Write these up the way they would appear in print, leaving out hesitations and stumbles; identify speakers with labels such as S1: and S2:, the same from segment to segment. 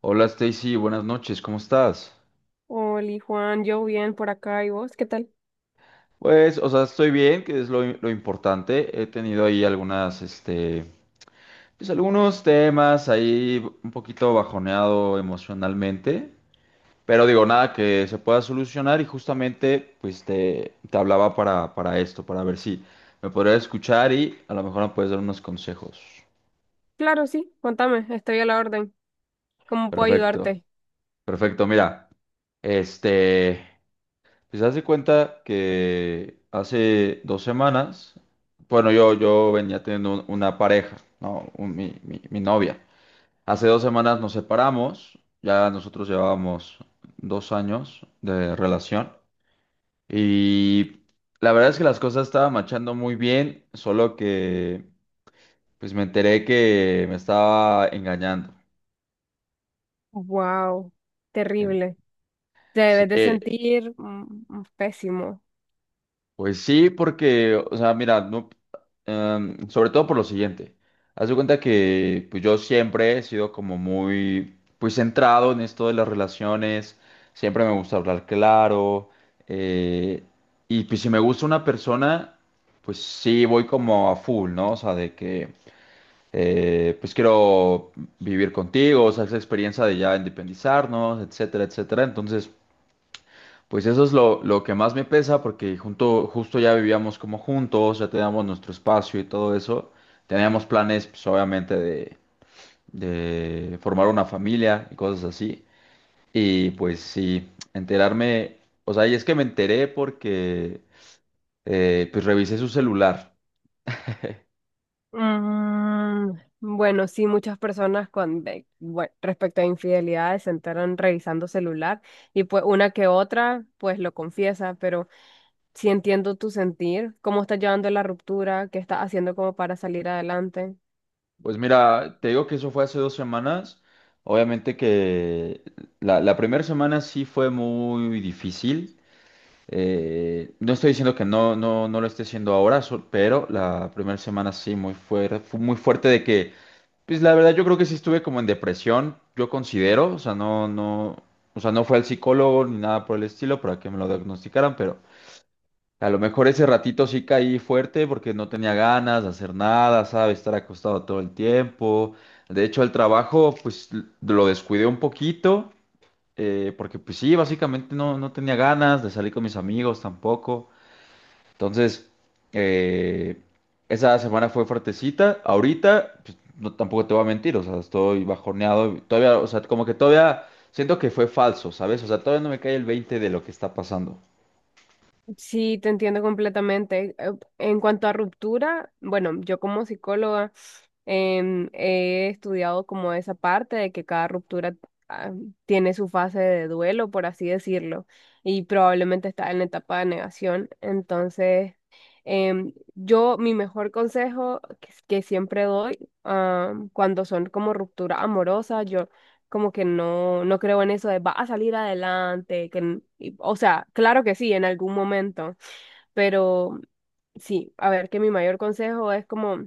S1: Hola Stacy, buenas noches, ¿cómo estás?
S2: Hola, Juan, yo bien por acá y vos, ¿qué tal?
S1: Pues, o sea, estoy bien, que es lo importante. He tenido ahí algunas, pues algunos temas ahí un poquito bajoneado emocionalmente, pero digo, nada que se pueda solucionar y justamente, pues te hablaba para esto, para ver si me podrías escuchar y a lo mejor me puedes dar unos consejos.
S2: Claro, sí, contame, estoy a la orden. ¿Cómo puedo
S1: Perfecto,
S2: ayudarte?
S1: perfecto, mira, este... Pues haz de cuenta que hace dos semanas, bueno, yo venía teniendo una pareja, ¿no? Mi, mi novia. Hace dos semanas nos separamos, ya nosotros llevábamos dos años de relación y la verdad es que las cosas estaban marchando muy bien, solo que pues me enteré que me estaba engañando.
S2: Wow,
S1: En-
S2: terrible. Te
S1: Sí.
S2: debes de sentir pésimo.
S1: Pues sí, porque, o sea, mira, no, sobre todo por lo siguiente. Haz de cuenta que pues yo siempre he sido como muy pues centrado en esto de las relaciones, siempre me gusta hablar claro, eh, y pues si me gusta una persona, pues sí voy como a full, ¿no? O sea, de que pues quiero vivir contigo, o sea, esa experiencia de ya independizarnos, etcétera, etcétera. Entonces... Pues eso es lo que más me pesa porque justo ya vivíamos como juntos, ya teníamos nuestro espacio y todo eso. Teníamos planes, pues obviamente, de formar una familia y cosas así. Y pues sí, enterarme, o sea, y es que me enteré porque pues revisé su celular.
S2: Mm, bueno, sí, muchas personas con respecto a infidelidades se enteran revisando celular y pues una que otra pues lo confiesa, pero sí entiendo tu sentir, cómo estás llevando la ruptura, qué estás haciendo como para salir adelante.
S1: Pues mira, te digo que eso fue hace dos semanas. Obviamente que la primera semana sí fue muy difícil. No estoy diciendo que no lo esté haciendo ahora, pero la primera semana sí, muy fuerte, fue muy fuerte de que, pues la verdad yo creo que sí estuve como en depresión, yo considero, o sea, o sea, no fue al psicólogo ni nada por el estilo para que me lo diagnosticaran, pero a lo mejor ese ratito sí caí fuerte porque no tenía ganas de hacer nada, ¿sabes? Estar acostado todo el tiempo. De hecho, el trabajo, pues lo descuidé un poquito, porque pues sí, básicamente no tenía ganas de salir con mis amigos tampoco. Entonces, eh, esa semana fue fuertecita. Ahorita, pues, no, tampoco te voy a mentir, o sea, estoy bajoneado. Todavía, o sea, como que todavía siento que fue falso, ¿sabes? O sea, todavía no me cae el 20 de lo que está pasando.
S2: Sí, te entiendo completamente. En cuanto a ruptura, bueno, yo como psicóloga he estudiado como esa parte de que cada ruptura ah, tiene su fase de duelo, por así decirlo, y probablemente está en la etapa de negación. Entonces, yo mi mejor consejo que siempre doy cuando son como ruptura amorosa, como que no, no creo en eso de va a salir adelante, o sea, claro que sí, en algún momento, pero sí, a ver, que mi mayor consejo es como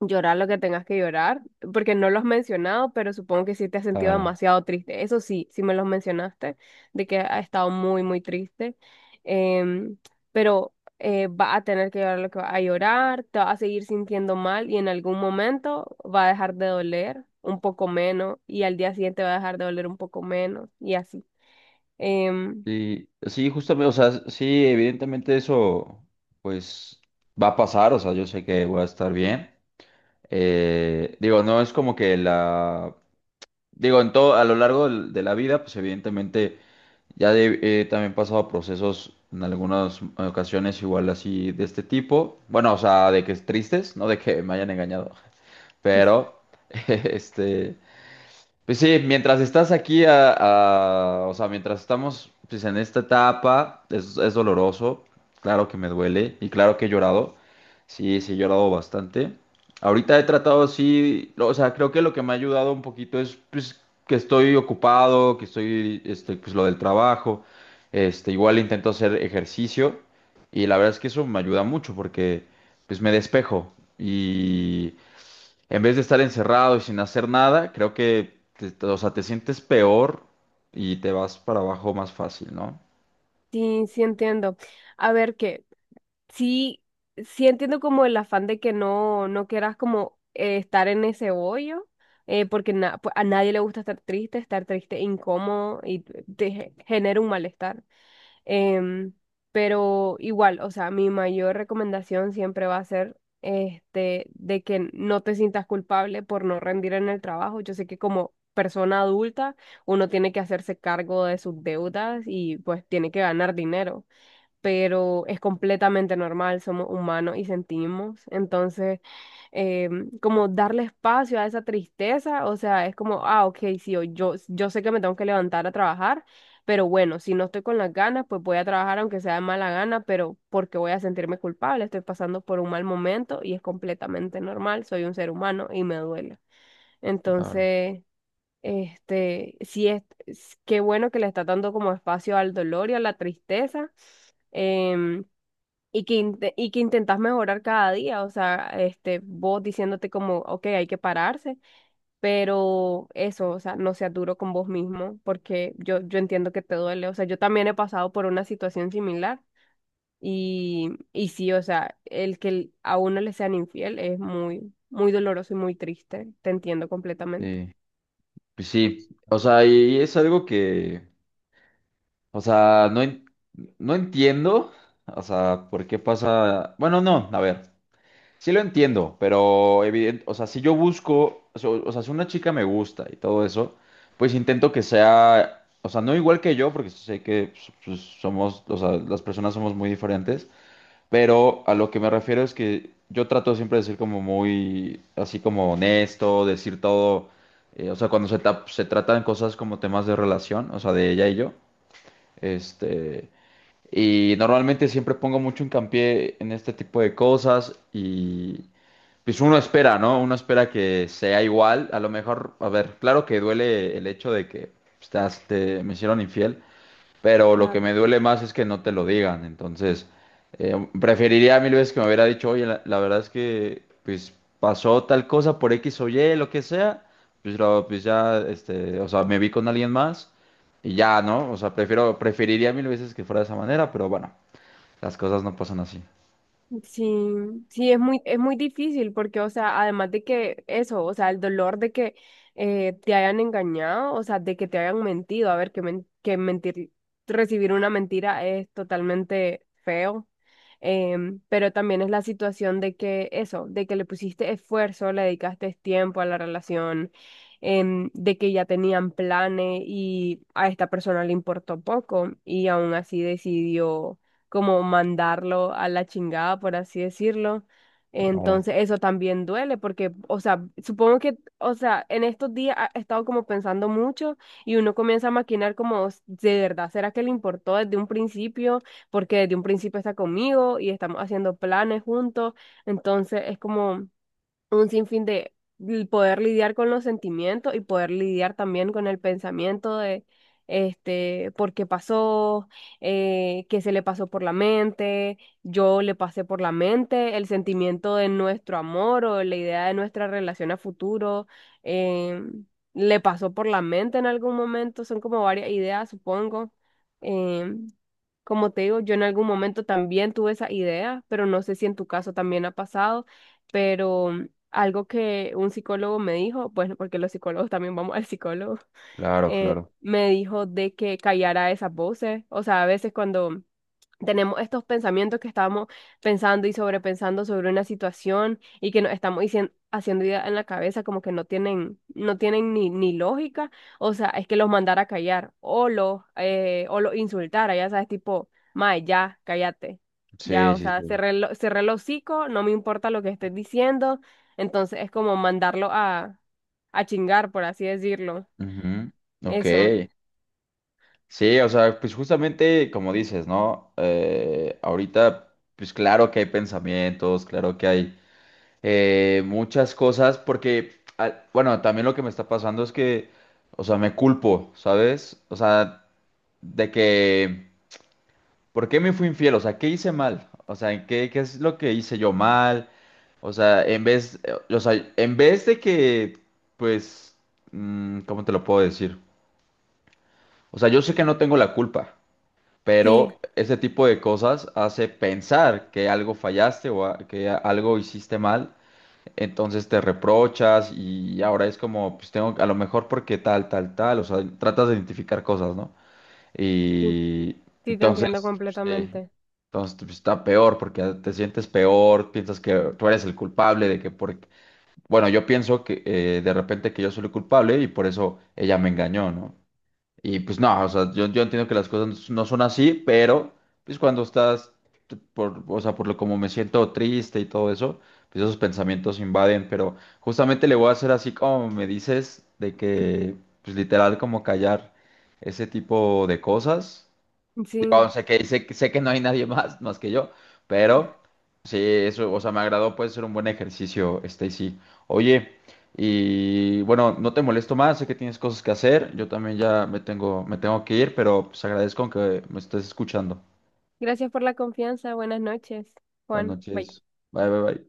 S2: llorar lo que tengas que llorar, porque no lo has mencionado, pero supongo que sí te has sentido
S1: Claro.
S2: demasiado triste. Eso sí, sí me los mencionaste, de que ha estado muy, muy triste. Em, pero va a tener que llorar lo que va a llorar, te va a seguir sintiendo mal y en algún momento va a dejar de doler un poco menos y al día siguiente va a dejar de doler un poco menos y así. Em,
S1: Sí, sí, justamente, o sea, sí, evidentemente eso, pues, va a pasar, o sea, yo sé que voy a estar bien. Digo, no es como que la, digo, en todo, a lo largo de la vida, pues, evidentemente ya he también pasado procesos en algunas ocasiones igual así de este tipo. Bueno, o sea, de que es tristes, no de que me hayan engañado, pero este, pues sí, mientras estás aquí, o sea, mientras estamos pues, en esta etapa, es doloroso, claro que me duele y claro que he llorado, sí, sí, he llorado bastante. Ahorita he tratado, sí, o sea, creo que lo que me ha ayudado un poquito es pues, que estoy ocupado, que estoy, pues lo del trabajo, igual intento hacer ejercicio y la verdad es que eso me ayuda mucho porque pues me despejo en vez de estar encerrado y sin hacer nada, creo que o sea, te sientes peor y te vas para abajo más fácil, ¿no?
S2: sí, sí entiendo. A ver, ¿qué? Sí, sí entiendo como el afán de que no, no quieras como estar en ese hoyo, porque pues, a nadie le gusta estar triste e incómodo y te genera un malestar. Em, pero igual, o sea, mi mayor recomendación siempre va a ser este, de que no te sientas culpable por no rendir en el trabajo. Yo sé que como persona adulta uno tiene que hacerse cargo de sus deudas y pues tiene que ganar dinero, pero es completamente normal, somos humanos y sentimos. Entonces, eh, como darle espacio a esa tristeza, o sea, es como, ah, ok, sí, hoy yo, yo sé que me tengo que levantar a trabajar, pero bueno, si no estoy con las ganas, pues voy a trabajar aunque sea de mala gana, pero porque voy a sentirme culpable, estoy pasando por un mal momento y es completamente normal, soy un ser humano y me duele.
S1: Claro.
S2: Entonces... este, sí qué bueno que le está dando como espacio al dolor y a la tristeza, em, y que intentas mejorar cada día, o sea, este, vos diciéndote como, ok, hay que pararse, pero eso, o sea, no seas duro con vos mismo, porque yo entiendo que te duele, o sea, yo también he pasado por una situación similar, y sí, o sea, el que a uno le sean infiel es muy, muy doloroso y muy triste, te entiendo completamente.
S1: Sí. Pues sí, o sea, y es algo que, o sea, no entiendo, o sea, por qué pasa, bueno, no, a ver, sí lo entiendo, pero evidente, o sea, si yo busco, si una chica me gusta y todo eso, pues intento que sea, o sea, no igual que yo, porque sé que pues somos, o sea, las personas somos muy diferentes. Pero a lo que me refiero es que yo trato siempre de ser como muy, así como honesto, decir todo, o sea, cuando se tratan cosas como temas de relación, o sea, de ella y yo, este, y normalmente siempre pongo mucho hincapié en este tipo de cosas y pues uno espera, ¿no? Uno espera que sea igual, a lo mejor, a ver, claro que duele el hecho de que pues, me hicieron infiel, pero lo que
S2: Claro.
S1: me duele más es que no te lo digan. Entonces, preferiría mil veces que me hubiera dicho, oye, la verdad es que pues pasó tal cosa por X o Y, lo que sea, pues, pues ya, o sea, me vi con alguien más y ya, ¿no? O sea, preferiría mil veces que fuera de esa manera, pero bueno, las cosas no pasan así.
S2: Sí, sí, es muy difícil porque, o sea, además de que eso, o sea, el dolor de que te hayan engañado, o sea, de que te hayan mentido, a ver, que mentir, recibir una mentira es totalmente feo, pero también es la situación de que eso, de que le pusiste esfuerzo, le dedicaste tiempo a la relación, de que ya tenían planes y a esta persona le importó poco y aún así decidió como mandarlo a la chingada, por así decirlo.
S1: Claro,
S2: Entonces, eso también duele porque, o sea, supongo que, o sea, en estos días he estado como pensando mucho y uno comienza a maquinar como, de verdad, ¿será que le importó desde un principio? Porque desde un principio está conmigo y estamos haciendo planes juntos. Entonces, es como un sinfín de poder lidiar con los sentimientos y poder lidiar también con el pensamiento de este, por qué pasó, qué se le pasó por la mente, yo le pasé por la mente, el sentimiento de nuestro amor o la idea de nuestra relación a futuro, eh, le pasó por la mente en algún momento, son como varias ideas, supongo. eh, Como te digo, yo en algún momento también tuve esa idea, pero no sé si en tu caso también ha pasado, pero algo que un psicólogo me dijo, bueno, porque los psicólogos también vamos al psicólogo,
S1: claro, claro.
S2: me dijo de que callara esas voces. O sea, a veces cuando tenemos estos pensamientos que estamos pensando y sobrepensando sobre una situación y que nos estamos haciendo ideas en la cabeza como que no tienen ni lógica, o sea, es que los mandara a callar o los insultara, ya sabes, tipo, mae, ya, cállate. Ya,
S1: Sí,
S2: o
S1: sí,
S2: sea,
S1: sí.
S2: cerré, cerré el hocico, no me importa lo que estés diciendo, entonces es como mandarlo a, chingar, por así decirlo.
S1: Ujú. Ok.
S2: Eso.
S1: Sí, o sea, pues justamente como dices, ¿no? Ahorita, pues claro que hay pensamientos, claro que hay muchas cosas, porque, ah, bueno, también lo que me está pasando es que, o sea, me culpo, ¿sabes? O sea, de que, ¿por qué me fui infiel? O sea, ¿qué hice mal? O sea, qué es lo que hice yo mal? O sea, o sea, en vez de que, pues, mm, ¿cómo te lo puedo decir? O sea, yo sé que no tengo la culpa.
S2: Sí,
S1: Pero ese tipo de cosas hace pensar que algo fallaste o algo hiciste mal. Entonces te reprochas y ahora es como, pues tengo, a lo mejor porque tal, tal, tal. O sea, tratas de identificar cosas, ¿no?
S2: sí,
S1: Y
S2: sí, te entiendo
S1: entonces, pues, sí,
S2: completamente.
S1: entonces pues, está peor porque te sientes peor, piensas que tú eres el culpable de que por... Bueno, yo pienso que de repente que yo soy el culpable y por eso ella me engañó, ¿no? Y pues no, o sea, yo entiendo que las cosas no son así, pero pues cuando estás, o sea, por lo como me siento triste y todo eso, pues esos pensamientos invaden, pero justamente le voy a hacer así como me dices, de que pues literal como callar ese tipo de cosas.
S2: Sí,
S1: Yo sé que, sé que no hay nadie más, más que yo, pero sí, eso, o sea, me agradó, puede ser un buen ejercicio, Stacy. Oye, y bueno, no te molesto más, sé que tienes cosas que hacer, yo también ya me tengo que ir, pero pues agradezco que me estés escuchando.
S2: gracias por la confianza. Buenas noches,
S1: Buenas
S2: Juan. Bye.
S1: noches, bye, bye, bye.